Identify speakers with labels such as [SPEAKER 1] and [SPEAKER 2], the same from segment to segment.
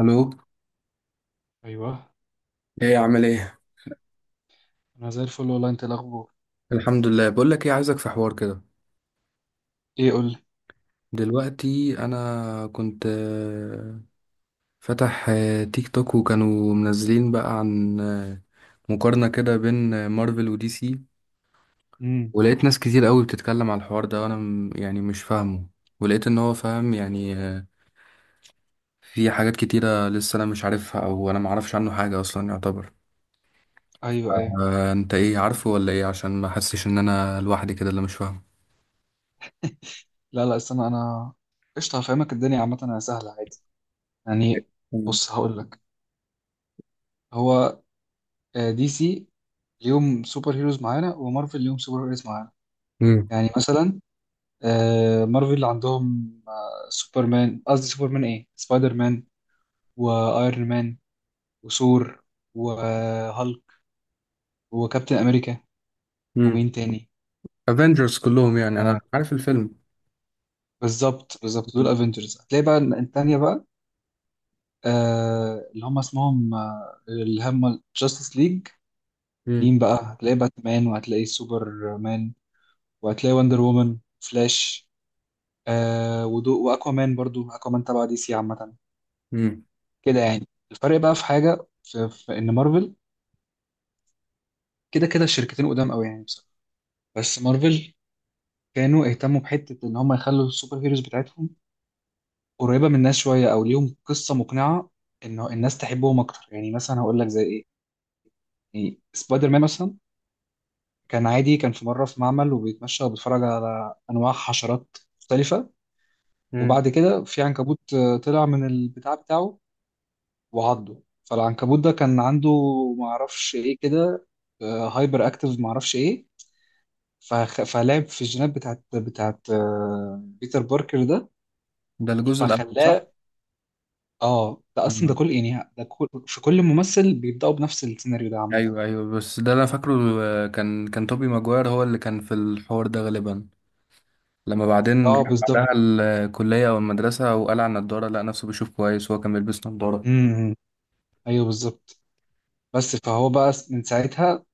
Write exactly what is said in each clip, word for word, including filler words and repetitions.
[SPEAKER 1] الو.
[SPEAKER 2] ايوه.
[SPEAKER 1] ايه عامل ايه؟
[SPEAKER 2] انا زي الفل والله. انت إيه الاخبار؟
[SPEAKER 1] الحمد لله. بقول لك ايه، عايزك في حوار كده.
[SPEAKER 2] ايه قول لي.
[SPEAKER 1] دلوقتي انا كنت آه، فتح آه، تيك توك، وكانوا منزلين بقى عن آه، مقارنة كده بين آه، مارفل ودي سي.
[SPEAKER 2] امم.
[SPEAKER 1] ولقيت ناس كتير قوي بتتكلم على الحوار ده، وانا م- يعني مش فاهمه. ولقيت ان هو فاهم يعني، آه، في حاجات كتيرة لسه انا مش عارفها، او انا معرفش عنه حاجة اصلا يعتبر.
[SPEAKER 2] ايوه، ايوه.
[SPEAKER 1] آه، انت ايه عارفه ولا ايه، عشان ما احسش ان انا لوحدي كده اللي مش فاهمه.
[SPEAKER 2] لا، لا، استنى انا. قشطه، هفهمك. الدنيا عامه انا سهله عادي يعني. بص هقول لك. هو آه، دي سي ليهم سوبر هيروز معانا، ومارفل ليهم سوبر هيروز معانا. يعني مثلا آه، مارفل عندهم آه، سوبرمان، قصدي سوبرمان ايه سبايدر مان، وايرون مان، وثور، وهالك، وكابتن امريكا.
[SPEAKER 1] امم.
[SPEAKER 2] ومين تاني؟
[SPEAKER 1] افنجرز كلهم، يعني
[SPEAKER 2] آه،
[SPEAKER 1] انا عارف الفيلم.
[SPEAKER 2] بالظبط بالظبط، دول
[SPEAKER 1] مم.
[SPEAKER 2] افنجرز. هتلاقي بقى التانية بقى آه اللي هم اسمهم آه اللي هم جاستس ليج.
[SPEAKER 1] مم.
[SPEAKER 2] مين بقى؟ هتلاقي باتمان، وهتلاقي سوبرمان، وهتلاقي وندر وومن، فلاش، آه ودو واكوامان، برضو اكوامان تبع دي سي عامة.
[SPEAKER 1] مم.
[SPEAKER 2] كده يعني الفرق بقى في حاجة، في, في ان مارفل كده كده الشركتين قدام قوي يعني بصراحة. بس مارفل كانوا اهتموا بحتة ان هم يخلوا السوبر هيروز بتاعتهم قريبة من الناس شوية، او ليهم قصة مقنعة انه الناس تحبهم اكتر. يعني مثلا هقول لك زي ايه؟ يعني سبايدر مان مثلا، كان عادي، كان في مرة في معمل وبيتمشى وبيتفرج على أنواع حشرات مختلفة.
[SPEAKER 1] مم.
[SPEAKER 2] وبعد كده في عنكبوت آه، طلع من البتاع بتاعه وعضه. فالعنكبوت ده كان عنده، معرفش إيه كده، هايبر أكتيف، معرفش إيه، فخ- فلعب في الجينات بتاعت بتاعت آه، بيتر باركر ده،
[SPEAKER 1] ده الجزء الاول،
[SPEAKER 2] فخلاه.
[SPEAKER 1] صح؟
[SPEAKER 2] اه ده اصلا ده
[SPEAKER 1] آه.
[SPEAKER 2] كل يعني ده كل في كل ممثل بيبداوا بنفس السيناريو ده عامه
[SPEAKER 1] ايوه،
[SPEAKER 2] يعني.
[SPEAKER 1] ايوه، بس ده انا فاكره. آه، كان كان توبي ماجواير هو اللي كان في الحوار ده غالبا. لما بعدين
[SPEAKER 2] اه
[SPEAKER 1] راح
[SPEAKER 2] بالظبط.
[SPEAKER 1] بعدها الكلية او المدرسة، وقال على النضارة، لقى نفسه بيشوف كويس وهو كان بيلبس نضارة.
[SPEAKER 2] امم، إمم. ايوه بالظبط. بس فهو بقى من ساعتها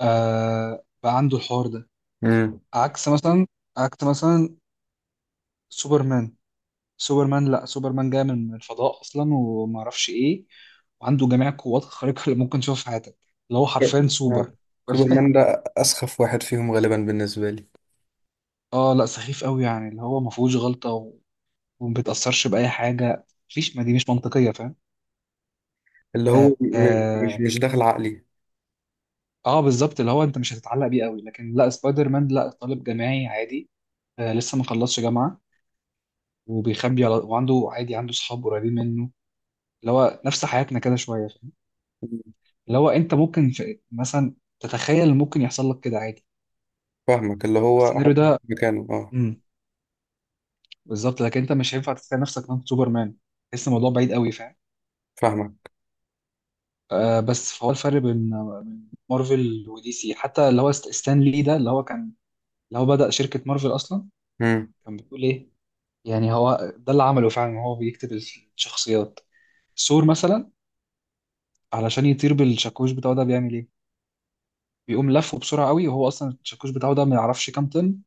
[SPEAKER 2] آه بقى عنده الحوار ده.
[SPEAKER 1] مم.
[SPEAKER 2] عكس مثلا، عكس مثلا سوبرمان. سوبرمان لا، سوبرمان جاي من من الفضاء اصلا وما اعرفش ايه، وعنده جميع القوات الخارقه اللي ممكن تشوفها في حياتك، اللي هو حرفيا
[SPEAKER 1] آه.
[SPEAKER 2] سوبر.
[SPEAKER 1] سوبرمان ده أسخف واحد فيهم غالبا بالنسبة لي.
[SPEAKER 2] اه لا، سخيف قوي يعني، اللي هو ما فيهوش غلطه و- وما بيتاثرش باي حاجه. مفيش، ما دي مش منطقيه، فاهم.
[SPEAKER 1] اللي هو
[SPEAKER 2] اه،
[SPEAKER 1] م- مش
[SPEAKER 2] آه.
[SPEAKER 1] مش داخل عقلي.
[SPEAKER 2] آه، بالظبط، اللي هو انت مش هتتعلق بيه قوي. لكن لا، سبايدر مان لا، طالب جامعي عادي، آه لسه ما خلصش جامعه، وبيخبي على، وعنده عادي عنده صحاب قريبين منه، اللي هو نفس حياتنا كده شويه فاهم؟ اللي هو انت ممكن في مثلا تتخيل إن ممكن يحصل لك كده عادي
[SPEAKER 1] فاهمك، اللي هو
[SPEAKER 2] السيناريو
[SPEAKER 1] أحط
[SPEAKER 2] ده.
[SPEAKER 1] مكانه، أه.
[SPEAKER 2] امم. بالظبط، لكن انت مش هينفع تتخيل نفسك انت سوبرمان، تحس الموضوع بعيد قوي فاهم.
[SPEAKER 1] فاهمك.
[SPEAKER 2] آه بس فهو الفرق بين، بين مارفل ودي سي، حتى اللي هو ست- ستان لي ده اللي هو كان اللي هو بدأ شركه مارفل اصلا.
[SPEAKER 1] مم.
[SPEAKER 2] كان بتقول ايه، يعني هو ده اللي عمله فعلا، هو بيكتب الشخصيات. ثور مثلا، علشان يطير بالشاكوش بتاعه ده، بيعمل ايه؟ بيقوم لفه بسرعه قوي، وهو اصلا الشاكوش بتاعه ده ما يعرفش كام طن،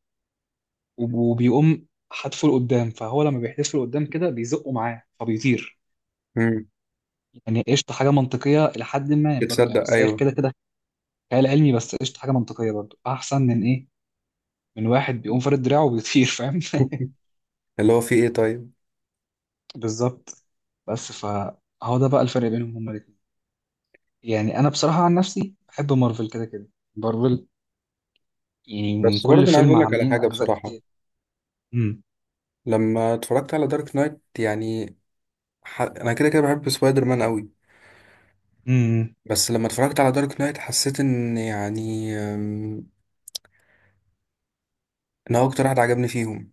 [SPEAKER 2] وبيقوم حدفه لقدام. فهو لما بيحدفه لقدام كده بيزقه معاه فبيطير.
[SPEAKER 1] مم.
[SPEAKER 2] يعني قشطة، حاجة منطقية لحد ما، برضه يعني،
[SPEAKER 1] تصدق،
[SPEAKER 2] بس هي
[SPEAKER 1] أيوه.
[SPEAKER 2] كده كده خيال علمي، بس قشطة حاجة منطقية برضه، أحسن من إيه، من واحد بيقوم فارد دراعه وبيطير فاهم.
[SPEAKER 1] اللي هو فيه ايه طيب؟
[SPEAKER 2] بالظبط. بس فهو ده بقى الفرق بينهم هما الاتنين. يعني أنا بصراحة عن نفسي بحب مارفل كده كده. مارفل، يعني من
[SPEAKER 1] بس
[SPEAKER 2] كل
[SPEAKER 1] برضه انا عايز
[SPEAKER 2] فيلم
[SPEAKER 1] اقول لك على
[SPEAKER 2] عاملين
[SPEAKER 1] حاجه
[SPEAKER 2] أجزاء
[SPEAKER 1] بصراحه.
[SPEAKER 2] كتير. امم.
[SPEAKER 1] لما اتفرجت على دارك نايت يعني، ح... انا كده كده بحب سبايدر مان قوي.
[SPEAKER 2] امم.
[SPEAKER 1] بس لما اتفرجت على دارك نايت، حسيت ان يعني، أم، ان هو اكتر حد عجبني فيهم.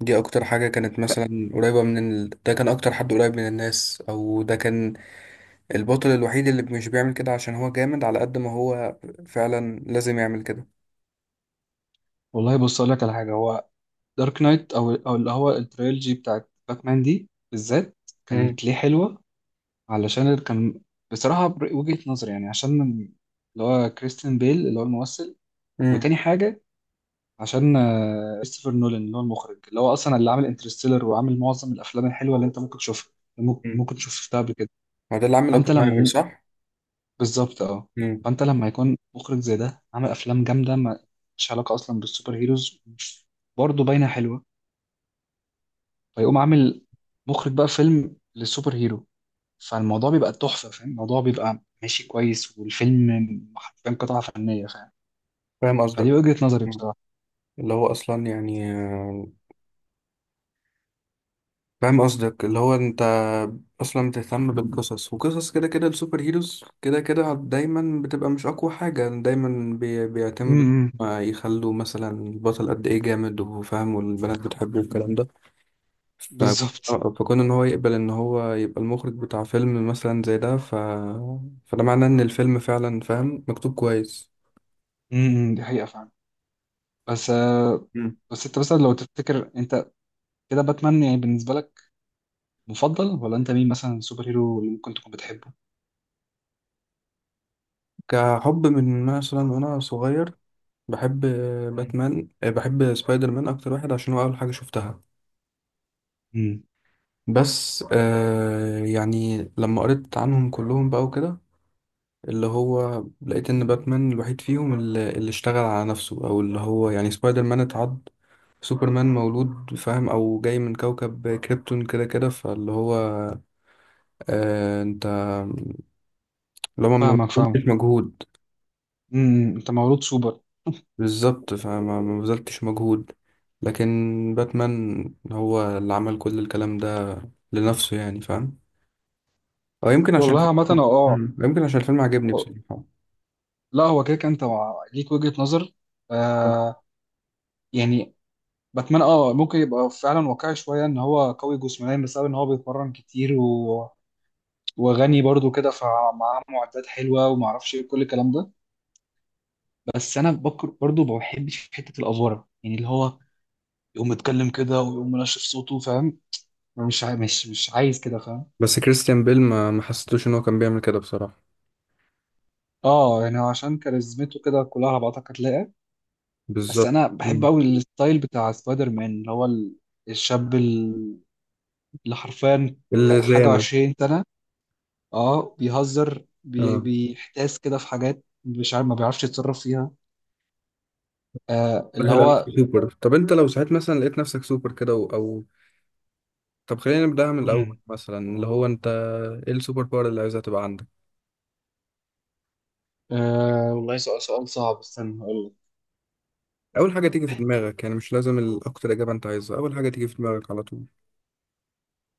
[SPEAKER 1] دي اكتر حاجه كانت مثلا قريبه من ال... ده كان اكتر حد قريب من الناس، او ده كان البطل الوحيد اللي مش بيعمل كده عشان هو جامد، على قد ما هو فعلا لازم يعمل كده.
[SPEAKER 2] والله بص أقول لك على حاجة. هو دارك نايت، او او اللي هو التريلوجي بتاعت باتمان دي بالذات،
[SPEAKER 1] امم.
[SPEAKER 2] كانت ليه حلوه علشان كان، بصراحه بر- وجهه نظري يعني، عشان اللي هو كريستيان بيل اللي هو الممثل.
[SPEAKER 1] امم.
[SPEAKER 2] وتاني حاجه، عشان آه، كريستوفر نولان اللي هو المخرج، اللي هو اصلا اللي عامل انترستيلر وعامل معظم الافلام الحلوه اللي انت ممكن تشوفها، ممكن ممكن تشوف شفتها قبل كده.
[SPEAKER 1] ما ده اللي عمل
[SPEAKER 2] فانت
[SPEAKER 1] اوبنهايمر،
[SPEAKER 2] لما،
[SPEAKER 1] صح؟
[SPEAKER 2] بالظبط اه.
[SPEAKER 1] امم.
[SPEAKER 2] فانت لما يكون مخرج زي ده عامل افلام جامده، ما- مش علاقه اصلا بالسوبر هيروز، برضه باينه حلوه، فيقوم عامل مخرج بقى فيلم للسوبر هيرو. فالموضوع بيبقى تحفة فاهم، الموضوع بيبقى ماشي كويس، والفيلم حرفيا قطعة فنية فاهم.
[SPEAKER 1] فاهم
[SPEAKER 2] فدي
[SPEAKER 1] قصدك،
[SPEAKER 2] وجهة نظري بصراحة.
[SPEAKER 1] اللي هو اصلا يعني آه، فاهم قصدك، اللي هو انت اصلا بتهتم بالقصص، وقصص كده كده السوبر هيروز كده كده دايما بتبقى مش اقوى حاجة، دايما بي- بيعتمدوا
[SPEAKER 2] امم.
[SPEAKER 1] ما يخلوا مثلا البطل قد ايه جامد وفاهم، والبنات بتحبه، والكلام ده. ف...
[SPEAKER 2] بالظبط.
[SPEAKER 1] آه، فكون ان هو يقبل ان هو يبقى المخرج بتاع فيلم مثلا زي ده، ف... فده معناه ان الفيلم فعلا فاهم مكتوب كويس.
[SPEAKER 2] امم، دي حقيقة فعلا. بس آه،
[SPEAKER 1] مم.
[SPEAKER 2] بس انت مثلا لو تفتكر انت كده باتمان يعني بالنسبة لك مفضل، ولا انت مين مثلا سوبر هيرو اللي ممكن تكون بتحبه؟
[SPEAKER 1] كحب من مثلا وانا صغير، بحب
[SPEAKER 2] مم.
[SPEAKER 1] باتمان. آه، بحب سبايدر مان اكتر واحد عشان هو اول حاجه شفتها.
[SPEAKER 2] مم.
[SPEAKER 1] بس آه يعني لما قريت عنهم كلهم بقى وكده، اللي هو لقيت ان باتمان الوحيد فيهم اللي, اللي اشتغل على نفسه، او اللي هو يعني سبايدر مان اتعض، سوبرمان مولود فاهم، او جاي من كوكب كريبتون كده كده. فاللي هو آه انت، اللي هو ما
[SPEAKER 2] فاهمك فاهمك.
[SPEAKER 1] بذلتش مجهود.
[SPEAKER 2] امم. انت مولود سوبر.
[SPEAKER 1] بالظبط، فما ما بذلتش مجهود. لكن باتمان هو اللي عمل كل الكلام ده لنفسه يعني، فاهم؟ او يمكن عشان،
[SPEAKER 2] والله عامة اه.
[SPEAKER 1] مم. يمكن عشان الفيلم عجبني
[SPEAKER 2] آه.
[SPEAKER 1] بصراحة.
[SPEAKER 2] لا هو كده كده انت مع- ليك وجهة نظر. آه يعني، باتمان اه ممكن يبقى فعلا واقعي شويه ان هو قوي جسمانيا بسبب ان هو بيتمرن كتير، و... وغني برضو كده فمعاه معدات حلوه وما اعرفش ايه كل الكلام ده. بس انا بكر برضو ما بحبش حته الافوره يعني، اللي هو يقوم متكلم كده ويقوم منشف صوته فاهم. مش عاي... مش مش عايز كده فاهم.
[SPEAKER 1] بس كريستيان بيل ما ما حسيتوش ان هو كان بيعمل كده بصراحة.
[SPEAKER 2] اه يعني عشان كاريزمته كده كلها على بعضها هتلاقي. بس
[SPEAKER 1] بالظبط.
[SPEAKER 2] انا بحب
[SPEAKER 1] مم.
[SPEAKER 2] قوي الستايل بتاع سبايدر مان، اللي هو ال- الشاب ال- اللي حرفيا
[SPEAKER 1] اللي
[SPEAKER 2] ك-
[SPEAKER 1] زي
[SPEAKER 2] حاجه
[SPEAKER 1] انا.
[SPEAKER 2] وعشرين سنه، اه بيهزر بي...
[SPEAKER 1] اه
[SPEAKER 2] بيحتاس كده في حاجات مش عارف ما بيعرفش يتصرف فيها. آه اللي
[SPEAKER 1] سهل، انا في
[SPEAKER 2] هو.
[SPEAKER 1] سوبر. طب انت لو ساعات مثلا لقيت نفسك سوبر كده و- او طب خلينا نبدأها من الاول
[SPEAKER 2] امم.
[SPEAKER 1] مثلا، اللي هو انت ايه السوبر باور اللي عايزها تبقى عندك؟
[SPEAKER 2] آه والله، سؤال سؤال صعب، استنى هقول لك.
[SPEAKER 1] اول حاجة تيجي في دماغك، يعني مش لازم الاكتر اجابة انت عايزها، اول حاجة تيجي في دماغك على طول.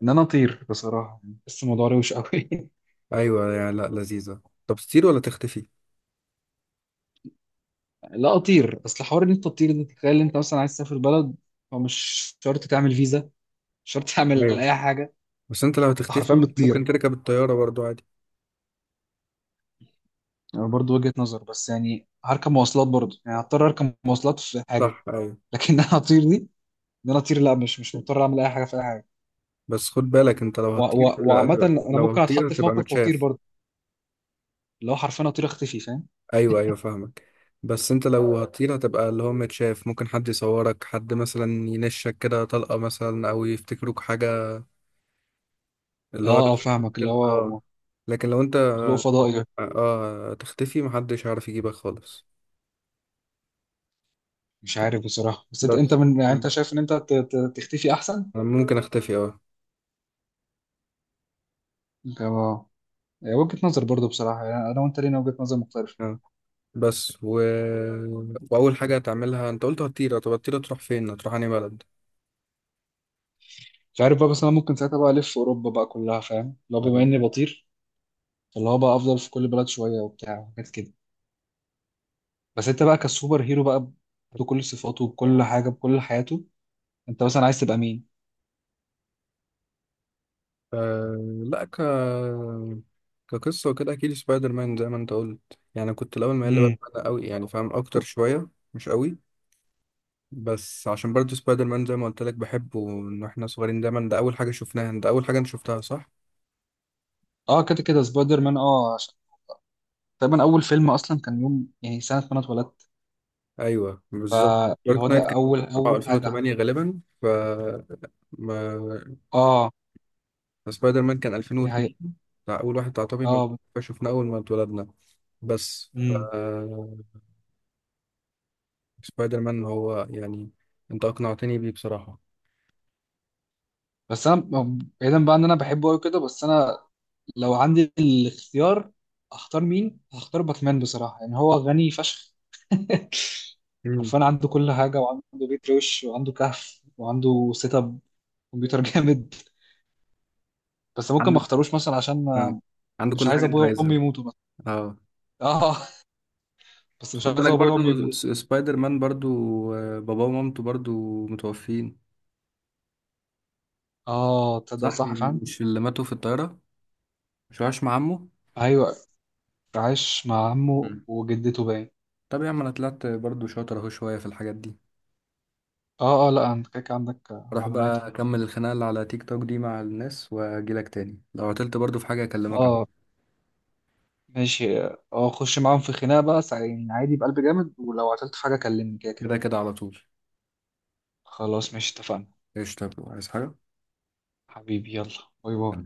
[SPEAKER 2] ان انا اطير بصراحه. بس الموضوع روش قوي.
[SPEAKER 1] ايوه يعني، لا لذيذة. طب تطير ولا تختفي؟
[SPEAKER 2] لا اطير، اصل حوار ان انت تطير ده، تخيل انت مثلا عايز تسافر بلد، فمش شرط تعمل فيزا، مش شرط تعمل
[SPEAKER 1] ايوه،
[SPEAKER 2] اي حاجه.
[SPEAKER 1] بس انت لو
[SPEAKER 2] أنت حرفيا
[SPEAKER 1] هتختفي ممكن
[SPEAKER 2] بتطير.
[SPEAKER 1] تركب الطيارة برضو عادي.
[SPEAKER 2] يعني برضه وجهه نظر، بس يعني هركب مواصلات برضه، يعني هضطر اركب مواصلات في حاجه،
[SPEAKER 1] صح، ايوه.
[SPEAKER 2] لكن انا اطير دي. ان انا اطير، لا مش مش مضطر اعمل اي حاجه في اي حاجه.
[SPEAKER 1] بس خد بالك، انت لو
[SPEAKER 2] و-
[SPEAKER 1] هتطير
[SPEAKER 2] و- وعامة
[SPEAKER 1] هتبقى
[SPEAKER 2] انا
[SPEAKER 1] لو
[SPEAKER 2] ممكن
[SPEAKER 1] هتطير
[SPEAKER 2] اتحط في
[SPEAKER 1] هتبقى
[SPEAKER 2] موقف خطير
[SPEAKER 1] متشاف.
[SPEAKER 2] برضه، اللي هو حرفيا اطير اختفي فاهم.
[SPEAKER 1] ايوه، ايوه، فاهمك. بس انت لو هتطير هتبقى اللي هو متشاف، ممكن حد يصورك، حد مثلا ينشك كده طلقة مثلا، او يفتكروك حاجة اللي هو
[SPEAKER 2] اه اه
[SPEAKER 1] لازم
[SPEAKER 2] فاهمك، اللي
[SPEAKER 1] تقتل، اه.
[SPEAKER 2] هو
[SPEAKER 1] لكن لو انت،
[SPEAKER 2] مخلوق فضائي.
[SPEAKER 1] اه، تختفي محدش هيعرف يجيبك خالص.
[SPEAKER 2] مش عارف بصراحة، بس انت انت
[SPEAKER 1] بس
[SPEAKER 2] من، يعني
[SPEAKER 1] انا
[SPEAKER 2] انت شايف ان انت ت- ت- تختفي احسن.
[SPEAKER 1] ممكن اختفي، اه.
[SPEAKER 2] انت ما-. هي وجهة نظر برضه بصراحة، يعني انا وانت لينا وجهة نظر مختلفة.
[SPEAKER 1] اه، بس و... واول حاجة هتعملها انت قلت هتطير. طب هتطير تروح فين؟ هتروح انهي بلد؟
[SPEAKER 2] مش عارف بقى، بس انا ممكن ساعتها بقى الف اوروبا بقى كلها فاهم لو بما اني بطير، فاللي هو بقى افضل في كل بلد شوية وبتاع وحاجات كده. بس انت بقى كسوبر هيرو بقى، بكل صفاته بكل حاجة بكل حياته، انت مثلا عايز تبقى مين؟
[SPEAKER 1] آه، لا، ك كقصة وكده أكيد سبايدر مان، زي ما أنت قلت. يعني كنت الأول مايل
[SPEAKER 2] امم.
[SPEAKER 1] لباتمان أوي، يعني فاهم أكتر شوية، مش أوي. بس عشان برضه سبايدر مان زي ما قلت لك بحبه إن إحنا صغيرين، دايما ده أول حاجة شفناها، ده أول حاجة أنت شفتها، صح؟
[SPEAKER 2] اه كده كده سبايدر مان اه، تقريبا اول فيلم اصلا كان يوم يعني سنه ما انا اتولدت.
[SPEAKER 1] أيوه، بالظبط.
[SPEAKER 2] اللي هو
[SPEAKER 1] دارك نايت، اه،
[SPEAKER 2] ده
[SPEAKER 1] كان
[SPEAKER 2] اول
[SPEAKER 1] طبعا
[SPEAKER 2] اول حاجه.
[SPEAKER 1] ألفين وثمانية غالبا، ف ما
[SPEAKER 2] اه،
[SPEAKER 1] سبايدر مان كان
[SPEAKER 2] دي حقيقة.
[SPEAKER 1] ألفين واثنين، بتاع أول واحد بتاع توبي ماجواير،
[SPEAKER 2] اه.
[SPEAKER 1] فشفناه أول ما اتولدنا. بس ف
[SPEAKER 2] امم.
[SPEAKER 1] سبايدر مان هو يعني، أنت أقنعتني بيه بصراحة.
[SPEAKER 2] بس انا ب- بعيدا بقى ان انا بحبه قوي كده، بس انا لو عندي الاختيار اختار مين، هختار باتمان بصراحه، يعني هو غني فشخ.
[SPEAKER 1] مم.
[SPEAKER 2] عارفان عنده كل حاجه، وعنده بيت روش وعنده كهف وعنده سيت اب كمبيوتر جامد. بس ممكن ما
[SPEAKER 1] عنده.
[SPEAKER 2] اختاروش مثلا عشان
[SPEAKER 1] آه.
[SPEAKER 2] ما-
[SPEAKER 1] عنده
[SPEAKER 2] مش
[SPEAKER 1] كل
[SPEAKER 2] عايز
[SPEAKER 1] حاجة انت
[SPEAKER 2] ابويا وامي
[SPEAKER 1] عايزها.
[SPEAKER 2] يموتوا مثلا.
[SPEAKER 1] اه
[SPEAKER 2] اه. بس
[SPEAKER 1] بس
[SPEAKER 2] مش
[SPEAKER 1] خد
[SPEAKER 2] عايز
[SPEAKER 1] بالك،
[SPEAKER 2] ابويا وامي
[SPEAKER 1] برضو
[SPEAKER 2] يموتوا.
[SPEAKER 1] س- سبايدر مان برضو آه، باباه ومامته برضو متوفين.
[SPEAKER 2] اه تصدق
[SPEAKER 1] صح،
[SPEAKER 2] صح
[SPEAKER 1] م-
[SPEAKER 2] فعلا.
[SPEAKER 1] مش اللي ماتوا في الطيارة؟ مش وعاش مع عمه؟
[SPEAKER 2] ايوه، عايش مع عمه
[SPEAKER 1] مم.
[SPEAKER 2] وجدته باين.
[SPEAKER 1] طب يا عم، انا طلعت برضو شاطر اهو شوية في الحاجات دي.
[SPEAKER 2] اه اه، لا انت كده كده عندك
[SPEAKER 1] اروح
[SPEAKER 2] معلومات
[SPEAKER 1] بقى
[SPEAKER 2] اهو.
[SPEAKER 1] اكمل الخناقة اللي على تيك توك دي مع الناس، واجيلك تاني لو عطلت برضو في حاجة اكلمك
[SPEAKER 2] اه.
[SPEAKER 1] عنها.
[SPEAKER 2] ماشي. اه، خش معاهم في خناقة بقى، سع- يعني عادي بقلب جامد، ولو عطلت في حاجة كلمني كده كده.
[SPEAKER 1] كده كده على طول.
[SPEAKER 2] خلاص ماشي اتفقنا.
[SPEAKER 1] ايش؟ طب عايز حاجة؟
[SPEAKER 2] حبيبي يلا باي باي.